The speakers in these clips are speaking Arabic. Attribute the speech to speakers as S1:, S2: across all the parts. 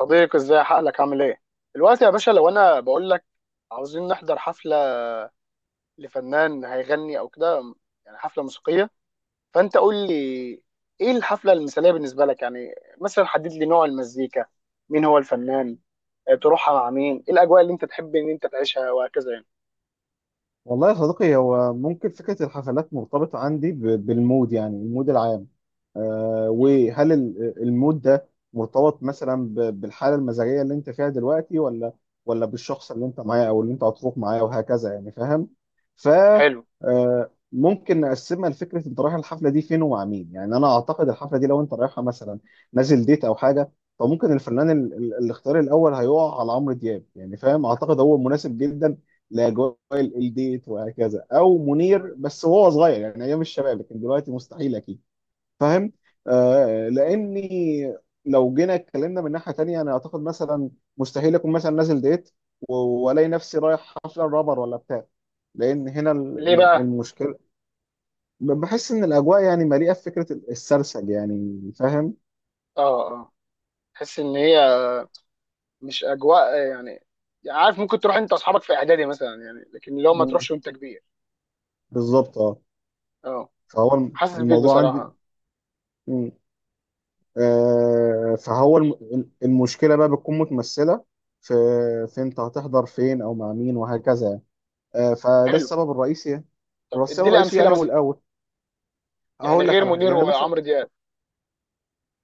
S1: صديقي، ازاي حقلك؟ عامل ايه دلوقتي يا باشا؟ لو انا بقول لك عاوزين نحضر حفله لفنان هيغني او كده، يعني حفله موسيقيه، فانت قول لي ايه الحفله المثاليه بالنسبه لك يعني. مثلا حدد لي نوع المزيكا، مين هو الفنان، تروحها مع مين، ايه الاجواء اللي انت تحب ان انت تعيشها وهكذا يعني.
S2: والله يا صديقي، هو ممكن فكرة الحفلات مرتبطة عندي بالمود، يعني المود العام.
S1: مم.
S2: وهل المود ده مرتبط مثلا بالحالة المزاجية اللي انت فيها دلوقتي، ولا بالشخص اللي انت معاه او اللي انت هتروح معاه وهكذا، يعني فاهم؟ ف
S1: حلو.
S2: ممكن نقسمها لفكرة انت رايح الحفلة دي فين ومع مين. يعني انا اعتقد الحفلة دي لو انت رايحها مثلا نازل ديت او حاجة، فممكن الفنان الاختيار الاول هيقع على عمرو دياب، يعني فاهم، اعتقد هو مناسب جدا لاجواء الديت وهكذا، او منير،
S1: مم.
S2: بس وهو صغير يعني، ايام الشباب، لكن دلوقتي مستحيل اكيد. فاهم؟
S1: مم.
S2: لاني لو جينا اتكلمنا من ناحيه تانية، انا اعتقد مثلا مستحيل اكون مثلا نازل ديت و- والاقي نفسي رايح حفله رابر ولا بتاع، لان هنا
S1: ليه بقى؟
S2: المشكله، بحس ان الاجواء يعني مليئه بفكره السرسج، يعني فاهم.
S1: اه اه. تحس ان هي مش اجواء يعني. يعني عارف، ممكن تروح انت واصحابك في اعدادي مثلا يعني، لكن لو ما
S2: مم.
S1: تروحش وانت كبير.
S2: بالظبط، اه.
S1: اه.
S2: فهو
S1: حاسس بيك
S2: الموضوع عندي،
S1: بصراحه.
S2: فهو المشكله بقى بتكون متمثله في في انت هتحضر فين او مع مين وهكذا يعني. فده
S1: حلو.
S2: السبب الرئيسي يعني.
S1: طب
S2: السبب
S1: ادي لي
S2: الرئيسي
S1: امثله
S2: يعني هو
S1: مثلا،
S2: الاول.
S1: يعني
S2: هقول لك
S1: غير
S2: على حاجه،
S1: منير
S2: يعني مثلا
S1: وعمرو دياب.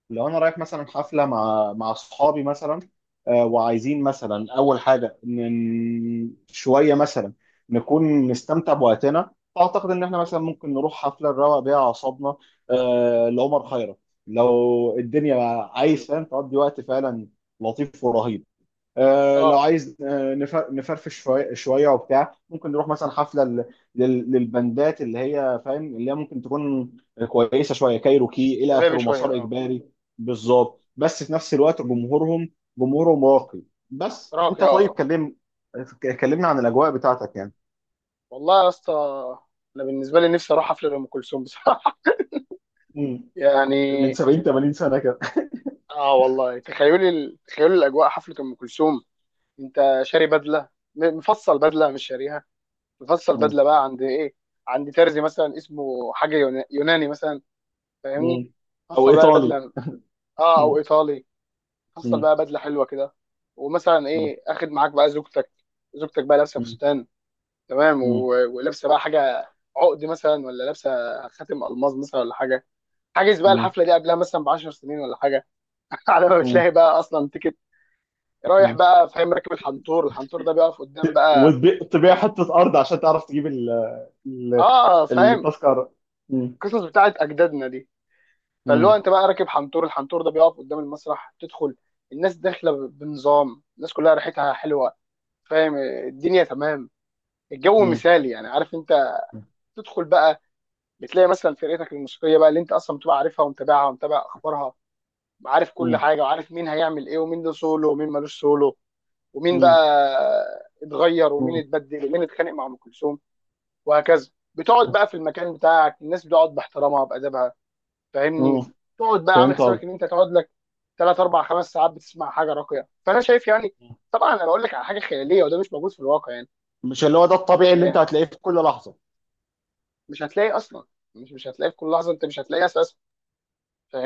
S2: لو انا رايح مثلا حفله مع اصحابي مثلا، وعايزين مثلا اول حاجه، شويه مثلا نكون نستمتع بوقتنا، فاعتقد ان احنا مثلا ممكن نروح حفله نروق بيها اعصابنا. لعمر خيرت، لو الدنيا
S1: حلو.
S2: عايز، فاهم، تقضي وقت فعلا لطيف ورهيب. لو
S1: اه،
S2: عايز، نفرفش شويه شويه وبتاع، ممكن نروح مثلا حفله للبندات، اللي هي فاهم، اللي هي ممكن تكون كويسه شويه، كايروكي الى
S1: شبابي
S2: اخره،
S1: شويه،
S2: مسار
S1: اه.
S2: اجباري. بالظبط، بس في نفس الوقت جمهورهم راقي. بس
S1: راقي،
S2: انت
S1: اه.
S2: طيب،
S1: آه.
S2: كلمنا عن الاجواء بتاعتك يعني.
S1: والله يا اسطى، انا بالنسبه لي نفسي اروح حفله ام كلثوم بصراحه.
S2: مم. من
S1: يعني.
S2: 70 80 سنه كده.
S1: اه والله، تخيلي تخيلي الاجواء، حفله ام كلثوم. انت شاري بدله، مفصل بدله، مش شاريها. مفصل
S2: مم.
S1: بدله بقى عند ايه؟ عند ترزي مثلا اسمه حاجه يوناني مثلا، فاهمني؟
S2: مم. او
S1: مفصل بقى
S2: ايطالي.
S1: بدله. اه،
S2: مم.
S1: او ايطالي. حصل
S2: مم.
S1: بقى بدله حلوه كده. ومثلا
S2: مم.
S1: ايه، اخد معاك بقى زوجتك، زوجتك بقى لابسه
S2: مم.
S1: فستان، تمام،
S2: مم.
S1: ولابسه بقى حاجه، عقد مثلا، ولا لابسه خاتم الماظ مثلا ولا حاجه. حاجز بقى الحفله دي قبلها مثلا ب 10 سنين ولا حاجه. على ما
S2: مم.
S1: بتلاقي بقى اصلا تيكت. رايح
S2: مم.
S1: بقى، فاهم، راكب الحنطور، الحنطور ده بيقف قدام بقى
S2: وتبيع
S1: ال...
S2: حته ارض عشان تعرف تجيب ال-
S1: اه فاهم،
S2: التذكرة. مم.
S1: القصص بتاعت اجدادنا دي. فاللي هو
S2: مم.
S1: انت بقى راكب حنطور، الحنطور ده بيقف قدام المسرح، تدخل. الناس داخله بنظام، الناس كلها ريحتها حلوه، فاهم؟ الدنيا تمام، الجو
S2: مم.
S1: مثالي، يعني عارف انت. تدخل بقى، بتلاقي مثلا فرقتك الموسيقيه بقى اللي انت اصلا بتبقى عارفها ومتابعها ومتابع اخبارها، وعارف كل
S2: مم.
S1: حاجه، وعارف مين هيعمل ايه ومين له سولو ومين ملوش سولو، ومين بقى
S2: مم.
S1: اتغير ومين
S2: مم.
S1: اتبدل ومين اتخانق مع ام كلثوم وهكذا. بتقعد بقى في المكان بتاعك، الناس بتقعد باحترامها وبادبها،
S2: مم.
S1: فاهمني؟ تقعد بقى عامل
S2: فهمت قصدي؟
S1: حسابك ان انت تقعد لك ثلاث اربع خمس ساعات بتسمع حاجه راقيه. فانا شايف يعني، طبعا انا بقول لك على حاجه خياليه، وده مش موجود في الواقع يعني.
S2: مش اللي هو ده الطبيعي اللي انت
S1: آه،
S2: هتلاقيه في كل لحظة؟
S1: مش هتلاقي اصلا، مش هتلاقي في كل لحظه، انت مش هتلاقي اساسا،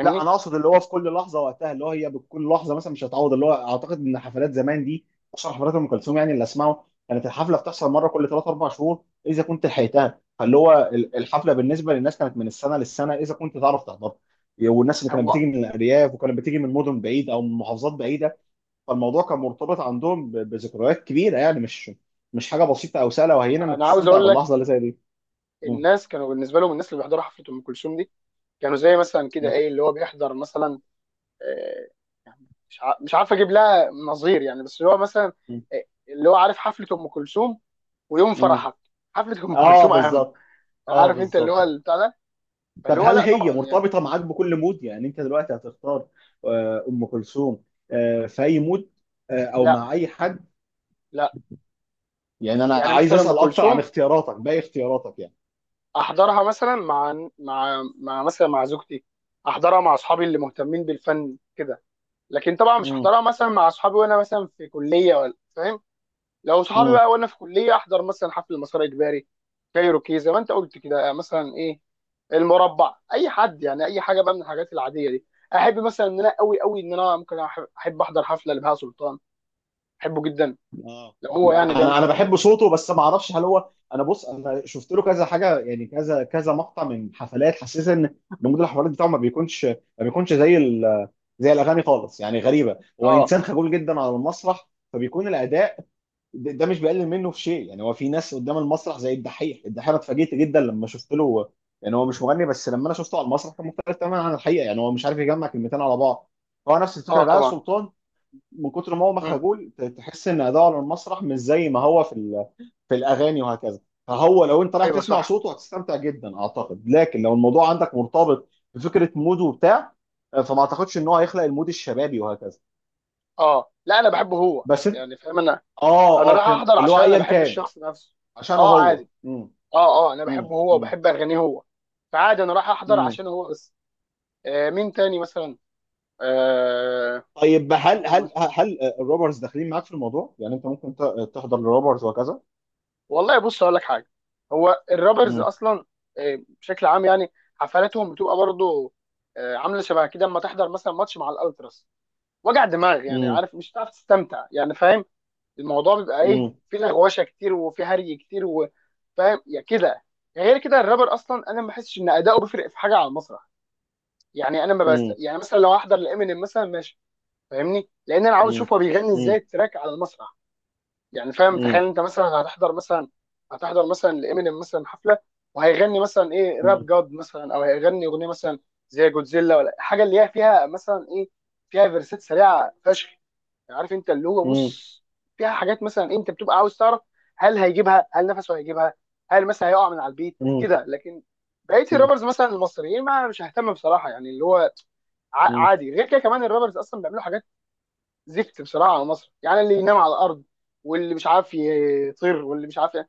S2: لا، انا اقصد اللي هو في كل لحظة وقتها، اللي هو هي بكل لحظة مثلا مش هتعوض، اللي هو اعتقد ان حفلات زمان دي، خصوصا حفلات ام كلثوم يعني، اللي اسمعه كانت الحفلة بتحصل مرة كل 3 4 شهور اذا كنت لحقتها. فاللي هو الحفلة بالنسبة للناس كانت من السنة للسنة اذا كنت تعرف تحضرها، والناس اللي كانت
S1: هو
S2: بتيجي من الارياف وكانت بتيجي من مدن بعيد او من محافظات بعيدة، فالموضوع كان مرتبط عندهم بذكريات كبيره، يعني مش حاجه بسيطه او سهله وهينه انك
S1: انا عاوز
S2: تستمتع
S1: اقول لك،
S2: باللحظه اللي زي دي. مم.
S1: الناس كانوا بالنسبه لهم، الناس اللي بيحضروا حفله ام كلثوم دي كانوا زي مثلا كده،
S2: مم.
S1: ايه اللي هو بيحضر مثلا، آه، يعني مش عارف اجيب لها نظير يعني، بس هو مثلا
S2: مم.
S1: آه، اللي هو عارف، حفله ام كلثوم ويوم
S2: مم.
S1: فرحك، حفله ام
S2: اه،
S1: كلثوم اهم.
S2: بالظبط. اه،
S1: عارف انت اللي
S2: بالظبط.
S1: هو البتاع ده.
S2: طب
S1: فاللي هو
S2: هل
S1: لا
S2: هي
S1: طبعا يعني.
S2: مرتبطه معاك بكل مود؟ يعني انت دلوقتي هتختار ام كلثوم في اي مود؟ او
S1: لا
S2: مع اي حد؟
S1: لا.
S2: يعني انا
S1: يعني
S2: عايز
S1: مثلا ام
S2: اسال اكتر عن
S1: كلثوم
S2: اختياراتك، باقي اختياراتك يعني.
S1: احضرها مثلا مع مع مثلا مع زوجتي، احضرها مع اصحابي اللي مهتمين بالفن كده. لكن طبعا مش
S2: مم.
S1: احضرها مثلا مع اصحابي وانا مثلا في كليه ولا فاهم. لو صحابي
S2: مم.
S1: بقى وانا في كليه، احضر مثلا حفل مسار اجباري، كايروكي زي ما انت قلت كده، مثلا ايه، المربع، اي حد، يعني اي حاجه بقى من الحاجات العاديه دي. احب مثلا ان انا قوي قوي ان انا ممكن احب احضر حفله لبهاء سلطان، احبه جدا،
S2: اه،
S1: لو هو يعني بيعمل
S2: انا
S1: حفلات.
S2: بحب صوته، بس ما اعرفش هل هو، انا بص، انا شفت له كذا حاجه يعني، كذا كذا مقطع من حفلات، حسيت ان نموذج الحفلات بتاعه ما بيكونش زي زي الاغاني خالص، يعني غريبه، هو
S1: اه.
S2: انسان خجول جدا على المسرح فبيكون الاداء ده مش بيقلل منه في شيء، يعني هو في ناس قدام المسرح زي الدحيح. الدحيح انا اتفاجئت جدا لما شفت له، يعني هو مش مغني، بس لما انا شفته على المسرح كان مختلف تماما عن الحقيقه، يعني هو مش عارف يجمع كلمتين على بعض. هو نفس الفكره
S1: اه
S2: بقى
S1: طبعا.
S2: سلطان، من كتر ما هو
S1: امم.
S2: مخجول تحس ان اداؤه على المسرح مش زي ما هو في في الاغاني وهكذا. فهو لو انت رايح
S1: ايوه
S2: تسمع
S1: صح.
S2: صوته هتستمتع جدا اعتقد، لكن لو الموضوع عندك مرتبط بفكره مود وبتاع، فما اعتقدش ان هو هيخلق المود الشبابي وهكذا.
S1: اه لا، انا بحبه هو
S2: بس انت،
S1: يعني فاهم. انا
S2: اه.
S1: انا
S2: اه،
S1: رايح
S2: فهمت،
S1: احضر
S2: اللي هو
S1: عشان انا
S2: ايا
S1: بحب
S2: كان
S1: الشخص نفسه.
S2: عشانه
S1: اه
S2: هو.
S1: عادي.
S2: مم.
S1: اه اه. انا
S2: مم.
S1: بحبه هو
S2: مم.
S1: وبحب اغانيه هو، فعادي انا رايح احضر
S2: مم.
S1: عشان هو بس. آه، مين تاني مثلا؟ آه
S2: طيب هل الروبرز داخلين معاك في الموضوع؟ يعني انت ممكن تحضر الروبرز وهكذا؟
S1: والله، بص اقول لك حاجه. هو الرابرز
S2: مم.
S1: اصلا بشكل عام، يعني حفلاتهم بتبقى برضو عامله شبه كده، اما تحضر مثلا ماتش مع الالتراس، وجع دماغ يعني،
S2: مم.
S1: عارف، مش هتعرف تستمتع يعني، فاهم؟ الموضوع بيبقى ايه،
S2: مم.
S1: في لغوشه كتير وفي هري كتير فاهم يا كده. غير كده الرابر اصلا انا ما بحسش ان اداؤه بيفرق في حاجه على المسرح، يعني انا ما بس،
S2: مم.
S1: يعني مثلا لو احضر لامينيم مثلا ماشي، فاهمني؟ لان انا عاوز
S2: مم.
S1: اشوف هو بيغني ازاي التراك على المسرح. يعني فاهم،
S2: مم.
S1: تخيل انت مثلا هتحضر مثلا لامينيم مثلا حفله، وهيغني مثلا ايه، راب
S2: مم.
S1: جاد مثلا، او هيغني اغنيه مثلا زي جودزيلا ولا حاجه، اللي هي فيها مثلا ايه، فيها فيرسات سريعه فشخ، عارف انت اللي هو
S2: مم.
S1: بص، فيها حاجات مثلا انت بتبقى عاوز تعرف، هل هيجيبها، هل نفسه هيجيبها، هل مثلا هيقع من على البيت
S2: مم.
S1: كده. لكن بقيه
S2: مم.
S1: الرابرز مثلا المصريين ما مش ههتم بصراحه يعني، اللي هو
S2: مم.
S1: عادي. غير كده كمان الرابرز اصلا بيعملوا حاجات زفت بصراحه على مصر، يعني اللي ينام على الارض، واللي مش عارف يطير، واللي مش عارف ي-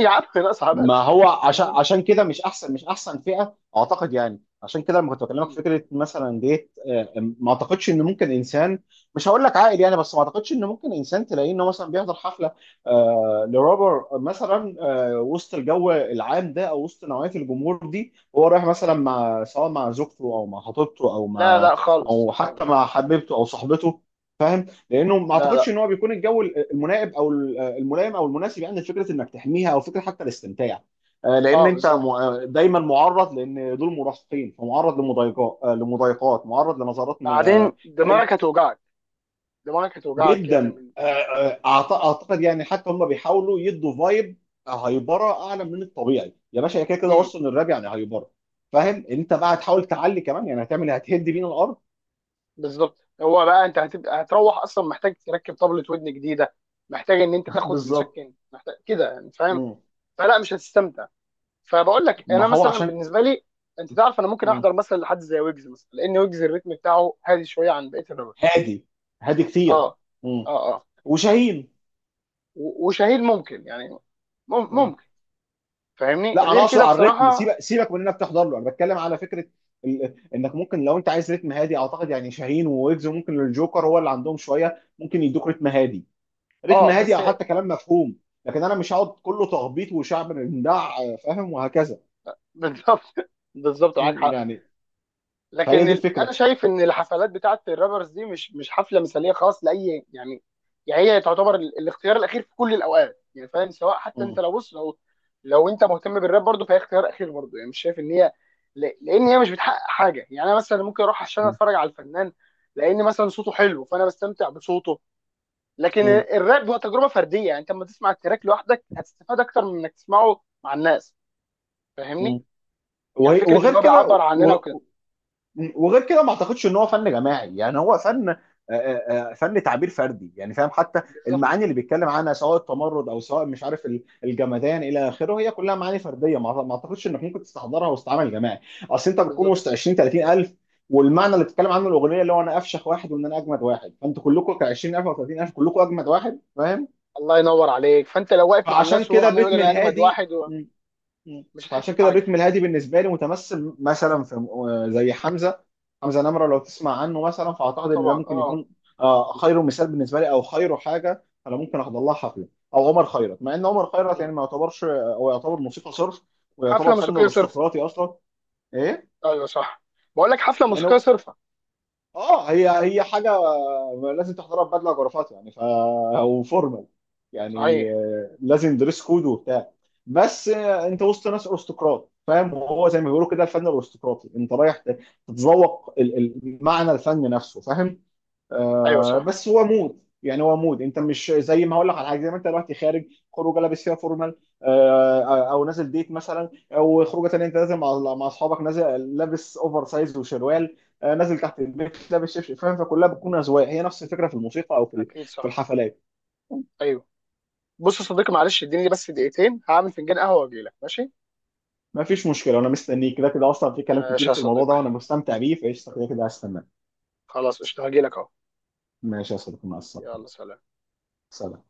S1: يا عم ناقص هبل،
S2: ما هو عشان
S1: فاهمني؟
S2: عشان كده، مش احسن فئه اعتقد يعني. عشان كده لما كنت بكلمك في فكره مثلا ديت، ما اعتقدش ان ممكن انسان، مش هقول لك عاقل يعني، بس ما اعتقدش ان ممكن انسان تلاقيه انه مثلا بيحضر حفله، لرابر مثلا، وسط الجو العام ده او وسط نوعيه الجمهور دي، هو رايح مثلا مع، سواء مع زوجته او مع خطيبته او
S1: لا
S2: مع،
S1: لا خالص
S2: او حتى مع
S1: خالص.
S2: حبيبته او صاحبته، لانه ما
S1: لا
S2: اعتقدش
S1: لا.
S2: ان هو بيكون الجو الملائم، او الملائم او المناسب يعني لفكره انك تحميها، او فكره حتى الاستمتاع. لان
S1: اه
S2: انت
S1: بالظبط.
S2: دايما معرض، لان دول مراهقين، فمعرض لمضايقات، لمضايقات، معرض لنظرات،
S1: بعدين دماغك هتوجعك، دماغك هتوجعك يعني،
S2: جدا.
S1: من.
S2: اعتقد يعني، حتى هم بيحاولوا يدوا فايب هايبره اعلى من الطبيعي، يا باشا هي كده كده
S1: مم.
S2: اصلا الراب يعني هايبره. فاهم؟ انت بقى هتحاول تعلي كمان يعني، هتعمل، هتهد بينا الارض.
S1: بالظبط. هو بقى انت هتروح اصلا محتاج تركب طبلة ودن جديده، محتاج ان انت تاخد
S2: بالظبط.
S1: مسكن، محتاج كده يعني فاهم.
S2: مم.
S1: فلا، مش هتستمتع. فبقول لك
S2: ما
S1: انا
S2: هو
S1: مثلا
S2: عشان.
S1: بالنسبه لي، انت تعرف انا ممكن احضر مثلا لحد زي ويجز مثلا، لان ويجز الريتم بتاعه هادي شويه عن بقيه الرابرز.
S2: هادي. هادي كتير.
S1: اه
S2: مم.
S1: اه اه.
S2: وشاهين.
S1: وشاهين ممكن يعني،
S2: أم.
S1: ممكن. فاهمني.
S2: لا، انا
S1: غير
S2: اقصد
S1: كده
S2: على الريتم،
S1: بصراحه
S2: سيبك سيبك من انك تحضر له، انا بتكلم على فكره انك ممكن، لو انت عايز ريتم هادي اعتقد يعني شاهين وويجز، وممكن الجوكر هو اللي عندهم شويه، ممكن يدوك ريتم هادي، ريتم
S1: اه،
S2: هادي
S1: بس.
S2: او حتى كلام مفهوم. لكن انا مش هقعد كله تخبيط وشعب بندع، فاهم، وهكذا.
S1: بالظبط. بالظبط معاك
S2: مم،
S1: حق.
S2: يعني. فهي
S1: لكن
S2: دي
S1: انا
S2: الفكره.
S1: شايف ان الحفلات بتاعه الرابرز دي مش مش حفله مثاليه خالص لاي يعني. يعني هي تعتبر الاختيار الاخير في كل الاوقات يعني، فاهم؟ سواء حتى انت
S2: مم،
S1: لو بص، لو انت مهتم بالراب برضه، فهي اختيار اخير برضه. يعني مش شايف ان هي لان هي مش بتحقق حاجه. يعني انا مثلا ممكن اروح عشان
S2: مم،
S1: اتفرج على الفنان، لان مثلا صوته حلو فانا بستمتع بصوته، لكن
S2: مم،
S1: الراب هو تجربه فرديه، يعني انت لما تسمع التراك لوحدك هتستفاد اكتر من انك تسمعه مع الناس، فاهمني؟
S2: مم.
S1: يعني فكره
S2: وغير
S1: ان هو بيعبر
S2: كده
S1: عننا وكده.
S2: وغير كده، ما اعتقدش ان هو فن جماعي، يعني هو فن، فن تعبير فردي يعني، فاهم. حتى
S1: بالظبط.
S2: المعاني اللي بيتكلم عنها، سواء التمرد او سواء، مش عارف، الجمدان الى اخره، هي كلها معاني فرديه، ما اعتقدش انك ممكن تستحضرها وسط عمل جماعي. اصل انت بتكون
S1: بالظبط.
S2: وسط 20 30 الف، والمعنى اللي بتتكلم عنه الاغنيه اللي هو انا افشخ واحد، وان انا اجمد واحد، فانتوا كلكم ك 20000 او 30000 كلكم اجمد واحد، فاهم.
S1: الله ينور عليك. فانت لو واقف مع
S2: فعشان
S1: الناس وهو
S2: كده
S1: عمال يقول
S2: بيتم
S1: انا اجمد
S2: الهادي.
S1: واحد و...
S2: مم.
S1: مش هتحس
S2: فعشان كده
S1: بحاجه.
S2: الريتم الهادي بالنسبه لي متمثل مثلا في، زي حمزه. حمزه نمره لو تسمع عنه مثلا،
S1: اه
S2: فاعتقد ان ده
S1: طبعا.
S2: ممكن
S1: اه.
S2: يكون خير مثال بالنسبه لي، او خير حاجه انا ممكن احضر لها حفله. او عمر خيرت، مع ان عمر خيرت يعني
S1: مم.
S2: ما يعتبرش، هو يعتبر موسيقى صرف، ويعتبر
S1: حفله
S2: فن
S1: موسيقيه صرف.
S2: ارستقراطي اصلا. ايه
S1: ايوه صح. بقول لك حفله
S2: يعني،
S1: موسيقيه صرفه.
S2: اه هي حاجه لازم تحضرها ببدله وجرافات، يعني وفورمال، يعني
S1: صحيح.
S2: لازم دريس كود وبتاع. بس، انت وسط ناس ارستقراط، فاهم، وهو زي ما بيقولوا كده الفن الارستقراطي، انت رايح تتذوق معنى الفن نفسه، فاهم.
S1: ايوه صح.
S2: بس هو مود، يعني هو مود، انت مش زي ما هقول لك على حاجه، زي ما انت دلوقتي خارج خروجه لابس فيها فورمال، او نازل ديت مثلا، او خروجه تانيه انت نازل مع اصحابك، نازل لابس اوفر سايز وشروال، نازل تحت البيت لابس شبشب، فاهم، فكلها بتكون اذواق، هي نفس الفكره في الموسيقى او في
S1: اكيد
S2: في
S1: صح.
S2: الحفلات.
S1: ايوه. بص يا صديقي معلش، اديني بس دقيقتين هعمل فنجان قهوه واجي لك، ماشي؟
S2: ما فيش مشكله، انا مستنيك كده كده اصلا، في كلام كتير
S1: ماشي يا
S2: في الموضوع ده
S1: صديقي.
S2: وانا مستمتع بيه، فايش كده كده هستناك.
S1: خلاص قشطه، هاجي لك اهو.
S2: ماشي يا صديقي، مع السلامه.
S1: يلا سلام.
S2: سلام.